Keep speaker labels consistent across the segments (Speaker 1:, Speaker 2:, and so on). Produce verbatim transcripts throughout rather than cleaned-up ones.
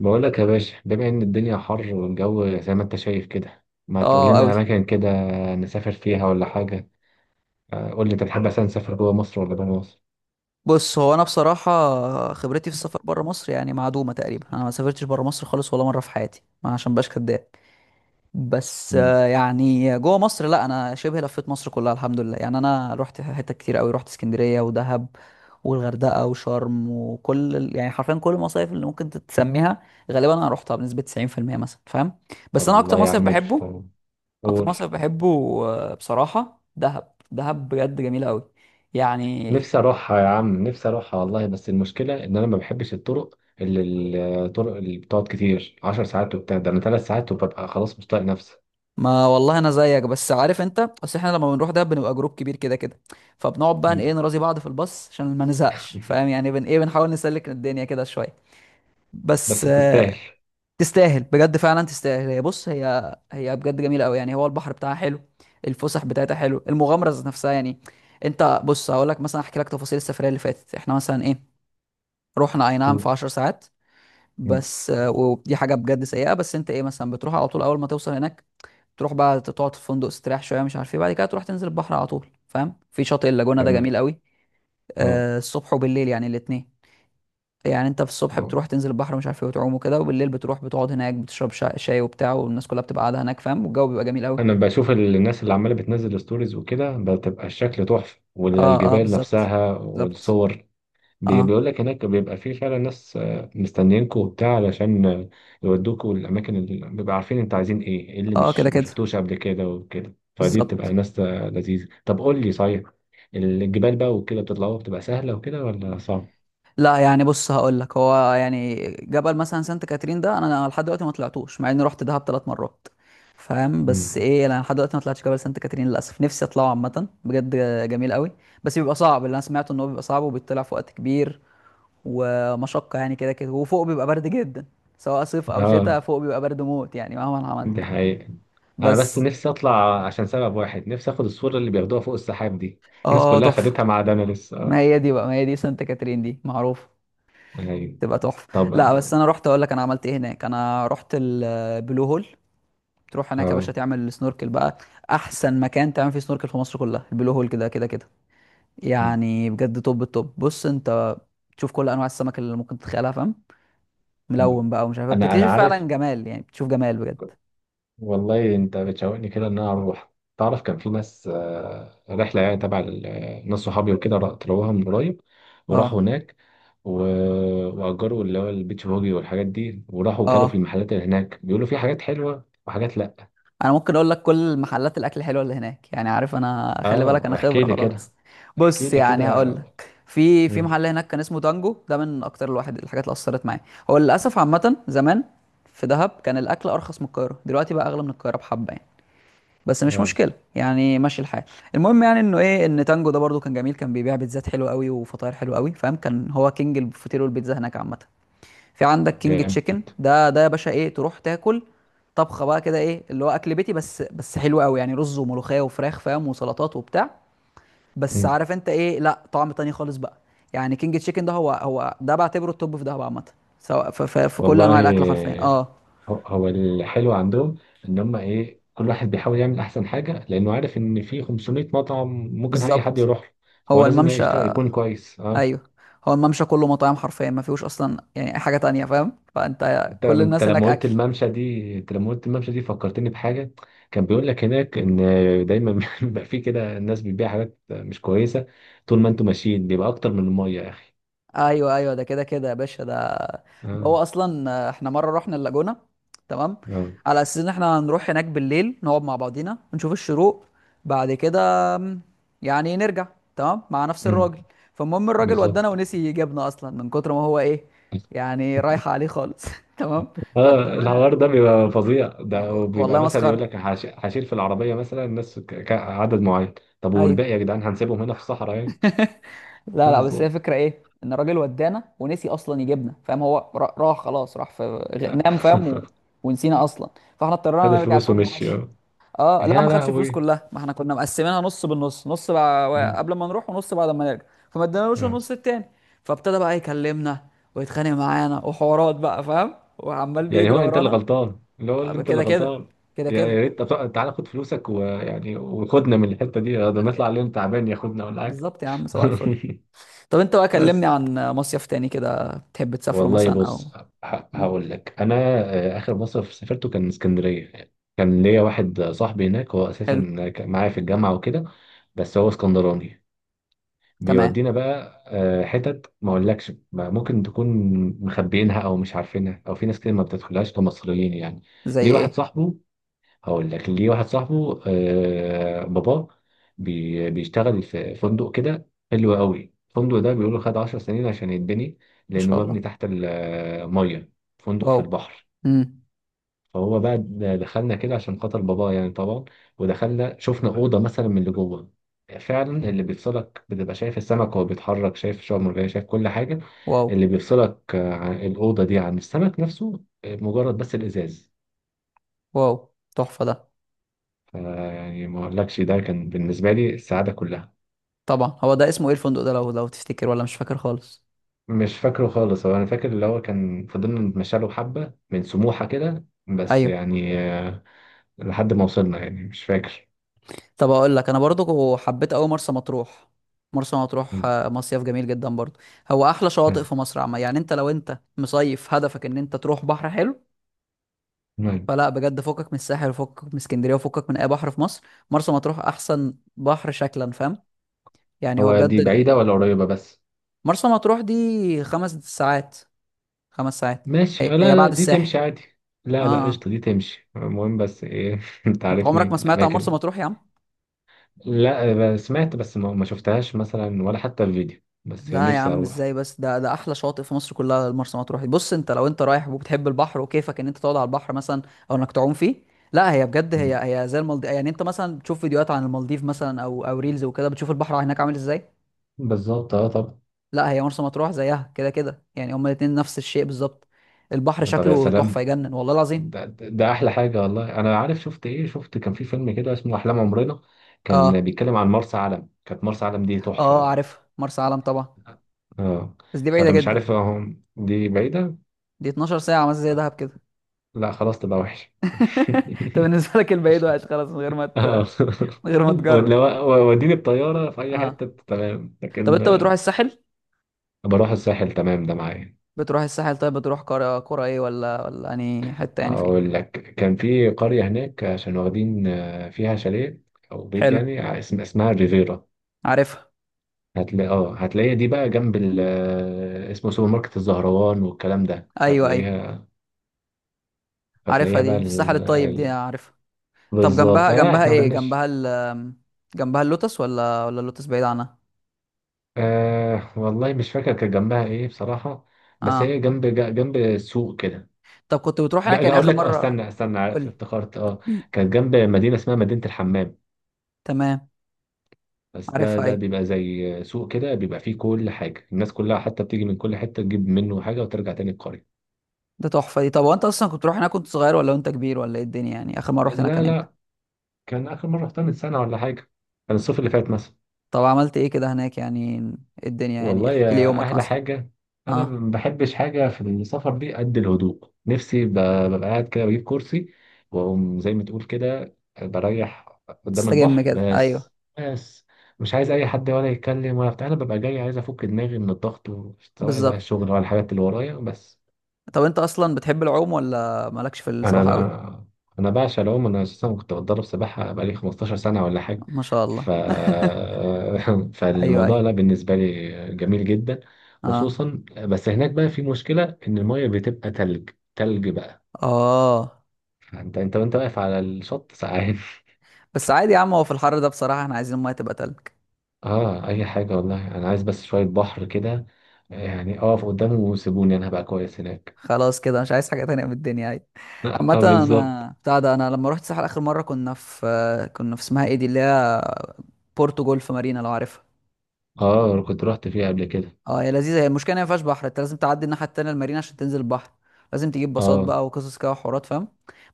Speaker 1: بقول لك يا باشا، بما ان الدنيا حر والجو زي ما انت شايف كده، ما تقول
Speaker 2: اه
Speaker 1: لنا
Speaker 2: قوي.
Speaker 1: اماكن كده نسافر فيها ولا حاجه. آه، قول لي انت تحب اصلا نسافر جوه مصر ولا بره مصر؟
Speaker 2: بص، هو انا بصراحه خبرتي في السفر بره مصر يعني معدومه تقريبا. انا ما سافرتش بره مصر خالص ولا مره في حياتي، ما عشان باش كداب. بس
Speaker 1: امم.
Speaker 2: آه، يعني جوه مصر، لا انا شبه لفيت مصر كلها الحمد لله. يعني انا رحت حتت كتير قوي، رحت اسكندريه ودهب والغردقه وشرم، وكل ال- يعني حرفيا كل المصايف اللي ممكن تسميها غالبا انا رحتها بنسبه تسعين في المية مثلا، فاهم؟ بس انا اكتر
Speaker 1: والله يا
Speaker 2: مصيف
Speaker 1: عم،
Speaker 2: بحبه،
Speaker 1: طب
Speaker 2: اكتر
Speaker 1: قول.
Speaker 2: مصيف بحبه، آه، بصراحه دهب. دهب بجد جميله قوي يعني.
Speaker 1: نفسي اروحها يا عم، نفسي اروحها والله، بس المشكله ان انا ما بحبش الطرق اللي اللي- الطرق اللي بتقعد كتير، 10 ساعات وبتاع. ده انا 3 ساعات وببقى خلاص مش طايق نفسي.
Speaker 2: ما والله انا زيك، بس عارف انت اصل احنا لما بنروح ده بنبقى جروب كبير كده كده، فبنقعد بقى ايه،
Speaker 1: مم.
Speaker 2: نراضي بعض في الباص عشان ما نزهقش، فاهم يعني؟ بن ايه بنحاول نسلك الدنيا كده شويه. بس
Speaker 1: بس تستاهل.
Speaker 2: آه، تستاهل بجد، فعلا تستاهل. هي بص هي هي بجد جميله قوي يعني، هو البحر بتاعها حلو، الفسح بتاعتها حلو، المغامره ذات نفسها يعني. انت بص، هقول لك مثلا، احكي لك تفاصيل السفريه اللي فاتت. احنا مثلا ايه، رحنا اي نعم
Speaker 1: مم.
Speaker 2: في 10 ساعات،
Speaker 1: مم.
Speaker 2: بس آه، ودي حاجه بجد سيئه. بس انت ايه مثلا، بتروح على طول اول ما توصل هناك، تروح بقى تقعد في الفندق تستريح شويه، مش عارف ايه، بعد كده تروح تنزل البحر على طول، فاهم؟ في شاطئ اللاجونه ده
Speaker 1: تمام.
Speaker 2: جميل قوي،
Speaker 1: اه.
Speaker 2: آه، الصبح وبالليل يعني، الاثنين. يعني انت في الصبح بتروح تنزل البحر مش عارف ايه وتعوم وكده، وبالليل بتروح بتقعد هناك، بتشرب شا- شاي وبتاع، والناس كلها بتبقى قاعده هناك فاهم، والجو بيبقى جميل قوي.
Speaker 1: انا بشوف الناس اللي عماله بتنزل ستوريز وكده، بتبقى الشكل تحفه
Speaker 2: اه، اه،
Speaker 1: والجبال
Speaker 2: بالظبط،
Speaker 1: نفسها
Speaker 2: بالظبط.
Speaker 1: والصور. بي-
Speaker 2: اه
Speaker 1: بيقول لك هناك بيبقى فيه فعلا ناس آه، مستنيينكوا وبتاع، علشان آه، يودوكوا الاماكن اللي بيبقى عارفين انت عايزين ايه، إيه اللي
Speaker 2: اه،
Speaker 1: مش
Speaker 2: كده
Speaker 1: ما
Speaker 2: كده،
Speaker 1: شفتوش قبل كده وكده. فدي بتبقى
Speaker 2: بالظبط.
Speaker 1: ناس آه، لذيذه. طب قول لي صحيح، الجبال بقى وكده بتطلعوها، بتبقى سهله وكده ولا صعب؟
Speaker 2: لا يعني بص، هقول لك، هو يعني جبل مثلا سانت كاترين ده انا لحد دلوقتي ما طلعتوش، مع اني رحت دهب ثلاث مرات فاهم. بس
Speaker 1: مم.
Speaker 2: ايه، انا لحد دلوقتي ما طلعتش جبل سانت كاترين للاسف، نفسي اطلعه عامه بجد. جميل قوي. بس بيبقى صعب، اللي انا سمعته ان هو بيبقى صعب، وبيطلع في وقت كبير ومشقه يعني كده كده، وفوق بيبقى برد جدا، سواء صيف او
Speaker 1: اه
Speaker 2: شتاء، فوق بيبقى برد موت يعني مهما عملت.
Speaker 1: دي حقيقة. أنا بس
Speaker 2: بس
Speaker 1: نفسي أطلع عشان سبب واحد، نفسي آخد الصورة اللي بياخدوها فوق السحاب دي، الناس
Speaker 2: اه،
Speaker 1: كلها
Speaker 2: تحفه.
Speaker 1: خدتها ما عدا أنا
Speaker 2: ما
Speaker 1: لسه.
Speaker 2: هي دي بقى، ما هي دي سانت كاترين دي معروفه
Speaker 1: يعني
Speaker 2: تبقى تحفه.
Speaker 1: طب
Speaker 2: لا بس
Speaker 1: آه.
Speaker 2: انا رحت اقول لك انا عملت ايه هناك. انا رحت البلو هول، تروح هناك يا باشا
Speaker 1: آه.
Speaker 2: تعمل سنوركل بقى، احسن مكان تعمل فيه سنوركل في مصر كلها البلو هول كده كده كده
Speaker 1: مم.
Speaker 2: يعني، بجد توب التوب. بص انت، تشوف كل انواع السمك اللي ممكن تتخيلها فاهم،
Speaker 1: مم.
Speaker 2: ملون بقى ومش عارف إيه،
Speaker 1: أنا
Speaker 2: بتكتشف
Speaker 1: أنا
Speaker 2: فعلا
Speaker 1: عارف.
Speaker 2: جمال يعني، بتشوف جمال بجد.
Speaker 1: والله أنت بتشوقني كده إن أنا أروح. تعرف كان في ناس آه، رحلة يعني تبع ال- آه، ناس صحابي وكده، را- طلعوها من قريب وراحوا
Speaker 2: اه
Speaker 1: هناك. و... وأجروا اللي هو البيتش بوجي والحاجات دي، وراحوا وكلوا في
Speaker 2: اه.
Speaker 1: المحلات اللي هناك. بيقولوا في حاجات حلوة وحاجات لأ.
Speaker 2: انا ممكن اقول لك كل محلات الاكل الحلوه اللي هناك، يعني عارف انا، خلي بالك
Speaker 1: آه
Speaker 2: انا
Speaker 1: احكي
Speaker 2: خبره
Speaker 1: لي كده.
Speaker 2: خلاص.
Speaker 1: احكي
Speaker 2: بص
Speaker 1: لي
Speaker 2: يعني،
Speaker 1: كده.
Speaker 2: هقول لك، في في
Speaker 1: مم.
Speaker 2: محل هناك كان اسمه تانجو، ده من اكتر الواحد الحاجات اللي اثرت معايا. هو للاسف عامه، زمان في دهب كان الاكل ارخص من القاهره، دلوقتي بقى اغلى من القاهره بحبه يعني، بس مش
Speaker 1: اه
Speaker 2: مشكله يعني، ماشي الحال. المهم يعني انه ايه، ان تانجو ده برضو كان جميل، كان بيبيع بيتزات حلوه قوي وفطاير حلوه قوي فاهم، كان هو كينج الفطير والبيتزا هناك عامه. في عندك
Speaker 1: طب
Speaker 2: كينج تشيكن،
Speaker 1: جامد.
Speaker 2: ده ده يا باشا ايه، تروح تاكل طبخه بقى كده ايه، اللي هو اكل بيتي بس بس حلو قوي يعني، رز وملوخيه وفراخ فاهم، وسلطات وبتاع، بس
Speaker 1: مم.
Speaker 2: عارف انت ايه، لا طعم تاني خالص بقى. يعني كينج تشيكن ده، هو هو ده بعتبره التوب في دهب عامه، سواء في, في, في كل انواع
Speaker 1: والله
Speaker 2: الاكل حرفيا، اه
Speaker 1: هو هو الحلو عندهم ان هم ايه، كل واحد بيحاول يعمل احسن حاجه، لانه عارف ان في 500 مطعم ممكن اي حد
Speaker 2: بالظبط.
Speaker 1: يروح له. فهو
Speaker 2: هو
Speaker 1: لازم
Speaker 2: الممشى،
Speaker 1: يشتغل يكون كويس. اه.
Speaker 2: ايوه، هو الممشى كله مطاعم حرفيا، ما فيهوش اصلا يعني أي حاجه تانية فاهم، فانت
Speaker 1: انت
Speaker 2: كل
Speaker 1: انت
Speaker 2: الناس هناك
Speaker 1: لما قلت
Speaker 2: اكل.
Speaker 1: الممشى دي، انت لما قلت الممشى دي فكرتني بحاجه. كان بيقول لك هناك ان دايما بيبقى في كده الناس بتبيع حاجات مش كويسه، طول ما انتوا ماشيين بيبقى اكتر من الميه يا اخي.
Speaker 2: ايوه ايوه، ده كده كده يا باشا، ده ده هو
Speaker 1: اه
Speaker 2: اصلا، آه، احنا مره رحنا اللاجونه، تمام،
Speaker 1: اه.
Speaker 2: على اساس ان احنا هنروح هناك بالليل نقعد مع بعضينا نشوف الشروق، بعد كده آم، يعني نرجع، تمام، مع نفس
Speaker 1: مم.
Speaker 2: الراجل. فالمهم، الراجل ودانا
Speaker 1: بالظبط
Speaker 2: ونسي يجيبنا اصلا من كتر ما هو ايه، يعني رايحه عليه خالص، تمام.
Speaker 1: اه. الحوار
Speaker 2: فاضطرينا،
Speaker 1: ده بيبقى فظيع، ده وبيبقى
Speaker 2: والله
Speaker 1: مثلا يقول
Speaker 2: مسخره،
Speaker 1: لك هش- هشيل في العربيه مثلا الناس ك- ك- عدد معين. طب
Speaker 2: ايوه.
Speaker 1: والباقي يا جدعان هنسيبهم هنا في الصحراء يعني؟
Speaker 2: لا لا، بس هي
Speaker 1: بالظبط.
Speaker 2: فكرة ايه، ان الراجل ودانا ونسي اصلا يجيبنا فاهم. هو را- راح خلاص، راح في غ- نام فاهم، و... ونسينا اصلا، فاحنا
Speaker 1: خد
Speaker 2: اضطرينا نرجع
Speaker 1: الفلوس
Speaker 2: الفندق
Speaker 1: ومشي
Speaker 2: ماشي.
Speaker 1: اه.
Speaker 2: اه لا،
Speaker 1: يا
Speaker 2: ما خدش الفلوس
Speaker 1: لهوي.
Speaker 2: كلها، ما احنا كنا مقسمينها نص بالنص، نص بقى
Speaker 1: مم.
Speaker 2: قبل ما نروح ونص بعد ما نرجع، فما ادانالوش
Speaker 1: آه.
Speaker 2: النص التاني، فابتدى بقى يكلمنا ويتخانق معانا، وحوارات بقى فاهم، وعمال
Speaker 1: يعني
Speaker 2: بيجري
Speaker 1: هو انت اللي
Speaker 2: ورانا.
Speaker 1: غلطان، اللي هو اللي
Speaker 2: آه،
Speaker 1: انت اللي
Speaker 2: كده كده،
Speaker 1: غلطان.
Speaker 2: كده
Speaker 1: يا
Speaker 2: كده،
Speaker 1: يا ريت طب تعالى خد فلوسك ويعني، وخدنا من الحته دي، ده نطلع عليهم تعبان، ياخدنا ولا حاجه.
Speaker 2: بالظبط يا عم صباح الفل. طب انت بقى، كلمني
Speaker 1: بس
Speaker 2: عن مصيف تاني كده تحب تسافره
Speaker 1: والله
Speaker 2: مثلا او.
Speaker 1: بص ه- هقول لك انا. آه، اخر مصيف سافرته كان اسكندريه. كان ليا واحد صاحبي هناك، هو
Speaker 2: حلو،
Speaker 1: اساسا كان معايا في الجامعه وكده، بس هو اسكندراني.
Speaker 2: تمام،
Speaker 1: بيودينا بقى آه، حتت ما اقولكش ما ممكن تكون مخبيينها او مش عارفينها، او في ناس كده ما بتدخلهاش كمصريين يعني.
Speaker 2: زي
Speaker 1: ليه واحد
Speaker 2: ايه،
Speaker 1: صاحبه، هقول لك ليه واحد صاحبه آه باباه بي بيشتغل في فندق كده حلو قوي. الفندق ده بيقولوا خد 10 سنين عشان يتبني،
Speaker 2: ما
Speaker 1: لأنه
Speaker 2: شاء
Speaker 1: مبني
Speaker 2: الله،
Speaker 1: تحت المية، فندق في
Speaker 2: واو،
Speaker 1: البحر.
Speaker 2: امم،
Speaker 1: فهو بقى د- دخلنا كده عشان خاطر باباه يعني طبعا. ودخلنا شفنا أوضة مثلا من اللي جوه. فعلا اللي بيفصلك بتبقى شايف السمك وهو بيتحرك، شايف الشعاب المرجانية، شايف كل حاجة.
Speaker 2: واو،
Speaker 1: اللي بيفصلك آه، عن الأوضة دي عن السمك نفسه آه، مجرد بس الإزاز.
Speaker 2: واو تحفة ده.
Speaker 1: يعني ما اقولكش ده كان بالنسبة لي السعادة كلها.
Speaker 2: طبعا، هو ده اسمه ايه الفندق ده، لو لو تفتكر، ولا مش فاكر خالص؟
Speaker 1: مش فاكره خالص. هو انا فاكر اللي هو كان فضلنا نتمشى له حبة من سموحة كده بس
Speaker 2: ايوه.
Speaker 1: يعني آه، لحد ما وصلنا، يعني مش فاكر.
Speaker 2: طب اقول لك انا برضو حبيت قوي مرسى مطروح. مرسى مطروح
Speaker 1: م-
Speaker 2: آه، مصيف جميل جدا برضو، هو احلى شواطئ
Speaker 1: م-
Speaker 2: في مصر عامة يعني، انت لو انت مصيف هدفك ان انت تروح بحر حلو،
Speaker 1: م.
Speaker 2: فلا بجد فكك من الساحل، وفكك من اسكندرية، وفكك من اي بحر في مصر. مرسى مطروح احسن بحر شكلا فاهم، يعني هو
Speaker 1: هو
Speaker 2: بجد
Speaker 1: دي بعيدة
Speaker 2: ال...
Speaker 1: ولا قريبة بس؟
Speaker 2: مرسى مطروح دي خمس ساعات، خمس ساعات.
Speaker 1: ماشي.
Speaker 2: هي,
Speaker 1: لا
Speaker 2: هي
Speaker 1: لا
Speaker 2: بعد
Speaker 1: دي
Speaker 2: الساحل.
Speaker 1: تمشي عادي.
Speaker 2: اه
Speaker 1: لا لا
Speaker 2: اه.
Speaker 1: قشطة دي تمشي. المهم بس ايه انت
Speaker 2: انت عمرك
Speaker 1: عارفني
Speaker 2: ما
Speaker 1: في
Speaker 2: سمعت عن مرسى
Speaker 1: الأماكن.
Speaker 2: مطروح يا عم؟
Speaker 1: لا آه، سمعت بس ما ما شفتهاش مثلا ولا حتى الفيديو، بس
Speaker 2: لا
Speaker 1: يعني
Speaker 2: يا
Speaker 1: نفسي
Speaker 2: عم،
Speaker 1: أروح.
Speaker 2: ازاي بس، ده ده احلى شاطئ في مصر كلها مرسى مطروح. بص انت لو انت رايح وبتحب البحر، وكيفك ان انت تقعد على البحر مثلا او انك تعوم فيه، لا هي بجد،
Speaker 1: م.
Speaker 2: هي هي زي المالديف يعني. انت مثلا بتشوف فيديوهات عن المالديف مثلا، او او ريلز وكده، بتشوف البحر هناك عامل ازاي،
Speaker 1: بالظبط اه طب.
Speaker 2: لا هي مرسى مطروح زيها كده كده يعني، هما الاتنين نفس الشيء بالظبط. البحر
Speaker 1: طب يا
Speaker 2: شكله تحفة
Speaker 1: سلام.
Speaker 2: يجنن والله العظيم.
Speaker 1: ده, ده ده احلى حاجه، والله انا عارف. شفت ايه، شفت كان في فيلم كده اسمه احلام عمرنا، كان
Speaker 2: اه
Speaker 1: بيتكلم عن مرسى علم. كانت مرسى علم دي تحفه
Speaker 2: اه،
Speaker 1: بقى.
Speaker 2: عارف مرسى علم طبعا،
Speaker 1: اه.
Speaker 2: بس دي بعيدة
Speaker 1: فانا مش
Speaker 2: جدا،
Speaker 1: عارف اهو، دي بعيده.
Speaker 2: دي 12 ساعة مثلا زي دهب كده.
Speaker 1: لا خلاص تبقى وحش.
Speaker 2: طب بالنسبه لك، البعيد وحش خلاص، من غير ما ت...
Speaker 1: اه
Speaker 2: من غير ما تجرب.
Speaker 1: ولو- وديني الطياره في اي
Speaker 2: اه.
Speaker 1: حته تمام،
Speaker 2: طب
Speaker 1: لكن.
Speaker 2: انت بتروح الساحل؟
Speaker 1: بروح الساحل تمام ده معايا.
Speaker 2: بتروح الساحل، طيب بتروح قرى، قرى ايه؟ ولا ولا اني حته يعني، فين؟
Speaker 1: اقول لك، كان في قريه هناك عشان واخدين آه، فيها شاليه او بيت
Speaker 2: حلو،
Speaker 1: يعني، اسم- اسمها ريفيرا.
Speaker 2: عارفها،
Speaker 1: هتلاقي اه هتلاقيها دي بقى جنب ال آه، اسمه سوبر ماركت الزهروان والكلام ده،
Speaker 2: ايوه ايوه،
Speaker 1: فتلاقيها. هتلاقيها
Speaker 2: عارفها
Speaker 1: بقى
Speaker 2: دي في الساحل
Speaker 1: ال...
Speaker 2: الطيب دي، آه،
Speaker 1: ال...
Speaker 2: عارفها. طب
Speaker 1: بالظبط
Speaker 2: جنبها،
Speaker 1: اه،
Speaker 2: جنبها
Speaker 1: احنا
Speaker 2: ايه،
Speaker 1: ملناش.
Speaker 2: جنبها ال، جنبها اللوتس، ولا ولا اللوتس بعيد عنها؟
Speaker 1: آه والله مش فاكر كان جنبها ايه بصراحة، بس
Speaker 2: اه.
Speaker 1: هي جنب جا- جنب السوق كده.
Speaker 2: طب كنت بتروح
Speaker 1: جا-
Speaker 2: هناك
Speaker 1: جا-
Speaker 2: يعني
Speaker 1: اقول
Speaker 2: اخر
Speaker 1: لك اه.
Speaker 2: مره؟
Speaker 1: استنى استنى.
Speaker 2: قول
Speaker 1: عارف افتكرت اه.
Speaker 2: لي.
Speaker 1: كانت جنب مدينة اسمها مدينة الحمام،
Speaker 2: تمام،
Speaker 1: بس ده
Speaker 2: عارفها
Speaker 1: ده
Speaker 2: ايوه،
Speaker 1: بيبقى زي سوق كده، بيبقى فيه كل حاجة، الناس كلها حتى بتيجي من كل حتة تجيب منه حاجة وترجع تاني القرية.
Speaker 2: ده تحفه دي. طب وانت اصلا كنت بتروح هناك كنت صغير، ولا وانت كبير، ولا ايه الدنيا يعني اخر مره رحت هناك
Speaker 1: لا
Speaker 2: كان؟
Speaker 1: لا، كان آخر مرة رحتها من سنة ولا حاجة. كان الصيف اللي فات مثلا.
Speaker 2: طب عملت ايه كده هناك يعني، إيه الدنيا يعني،
Speaker 1: والله
Speaker 2: احكي لي
Speaker 1: يا
Speaker 2: يومك
Speaker 1: أحلى
Speaker 2: مثلا.
Speaker 1: حاجة، أنا
Speaker 2: اه،
Speaker 1: ما بحبش حاجة في السفر دي قد الهدوء. نفسي ب- ببقى قاعد كده، بجيب كرسي وأقوم زي ما تقول كده، بريح قدام
Speaker 2: تستجم
Speaker 1: البحر
Speaker 2: كده، ايوه،
Speaker 1: بس. بس مش عايز أي حد ولا يتكلم ولا بتاع. أنا ببقى جاي عايز أفك دماغي من الضغط و- سواء بقى
Speaker 2: بالظبط.
Speaker 1: الشغل ولا الحاجات اللي ورايا بس.
Speaker 2: طب انت اصلا بتحب العوم، ولا مالكش في
Speaker 1: انا
Speaker 2: السباحه قوي؟
Speaker 1: بقى انا بعشق العوم. انا اساسا كنت بتدرب سباحه بقالي 15 سنه ولا حاجه.
Speaker 2: ما شاء الله.
Speaker 1: ف
Speaker 2: ايوه
Speaker 1: فالموضوع
Speaker 2: ايوه.
Speaker 1: ده بالنسبه لي جميل جدا.
Speaker 2: اه
Speaker 1: خصوصا بس هناك بقى في مشكله ان الميه بتبقى تلج. تلج بقى.
Speaker 2: اه.
Speaker 1: انت انت وانت واقف على الشط ساعات.
Speaker 2: بس عادي يا عم، هو في الحر ده بصراحه احنا عايزين الميه تبقى تلج.
Speaker 1: اه اي حاجه، والله انا عايز بس شويه بحر كده، يعني اقف قدامه وسيبوني انا هبقى كويس هناك.
Speaker 2: خلاص كده مش عايز حاجه تانية من الدنيا عادي.
Speaker 1: اه
Speaker 2: عامه
Speaker 1: آه، بالظبط.
Speaker 2: انا بتاع ده، انا لما رحت الساحل اخر مره كنا في، كنا في اسمها ايه دي اللي هي بورتو جولف مارينا، لو عارفها.
Speaker 1: اه كنت رحت فيه قبل كده.
Speaker 2: اه هي لذيذه، هي المشكله إن هي ما فيهاش بحر، انت لازم تعدي الناحيه التانيه المارينا عشان تنزل البحر، لازم تجيب باصات
Speaker 1: اه
Speaker 2: بقى وقصص كده وحوارات فاهم.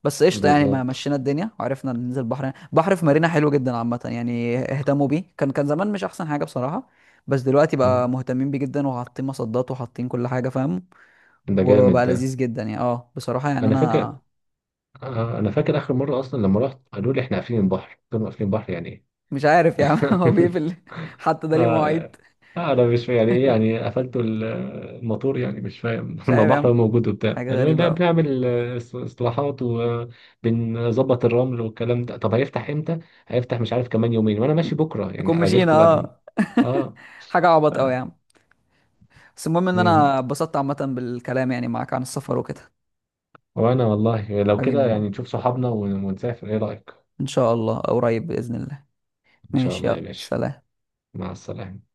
Speaker 2: بس قشطه يعني، ما
Speaker 1: بالظبط.
Speaker 2: مشينا الدنيا وعرفنا ننزل البحر، بحر في مارينا حلو جدا عامه يعني، اهتموا بيه، كان كان زمان مش احسن حاجه بصراحه، بس دلوقتي بقى
Speaker 1: مم.
Speaker 2: مهتمين بيه جدا، وحاطين مصدات، وحاطين كل حاجه فاهم،
Speaker 1: ده جامد
Speaker 2: وبقى
Speaker 1: ده.
Speaker 2: لذيذ جدا يعني. اه بصراحه يعني
Speaker 1: انا فاكر.
Speaker 2: انا.
Speaker 1: آه، انا فاكر اخر مره اصلا لما رحت قالوا لي احنا قافلين البحر. قلت لهم قافلين البحر يعني ايه؟
Speaker 2: مش عارف يا عم، هو بيقفل، حتى ده ليه مواعيد؟
Speaker 1: آه، آه، انا مش فاهم يعني ايه، يعني قفلتوا ال- الموتور يعني مش فاهم.
Speaker 2: مش
Speaker 1: ما
Speaker 2: عارف يا عم،
Speaker 1: بحر موجود وبتاع.
Speaker 2: حاجه
Speaker 1: قالوا لي
Speaker 2: غريبه
Speaker 1: لا
Speaker 2: قوي.
Speaker 1: بنعمل آه، اس- اصلاحات وبنظبط الرمل والكلام ده. طب هيفتح امتى؟ هيفتح مش عارف. كمان يومين وانا ماشي بكره
Speaker 2: نكون
Speaker 1: يعني،
Speaker 2: مشينا،
Speaker 1: اجيلكم بعد.
Speaker 2: اه.
Speaker 1: اه
Speaker 2: حاجه
Speaker 1: ف-
Speaker 2: عبط قوي يا عم. بس المهم ان
Speaker 1: إيه،
Speaker 2: انا اتبسطت عامة بالكلام يعني معاك عن السفر وكده.
Speaker 1: وانا والله لو
Speaker 2: حبيبي يا
Speaker 1: كده،
Speaker 2: عم،
Speaker 1: يعني نشوف صحابنا ون- ونسافر. ايه رايك؟
Speaker 2: ان شاء الله قريب بإذن الله.
Speaker 1: ان شاء
Speaker 2: ماشي،
Speaker 1: الله يا
Speaker 2: يلا،
Speaker 1: باشا.
Speaker 2: سلام.
Speaker 1: مع السلامه.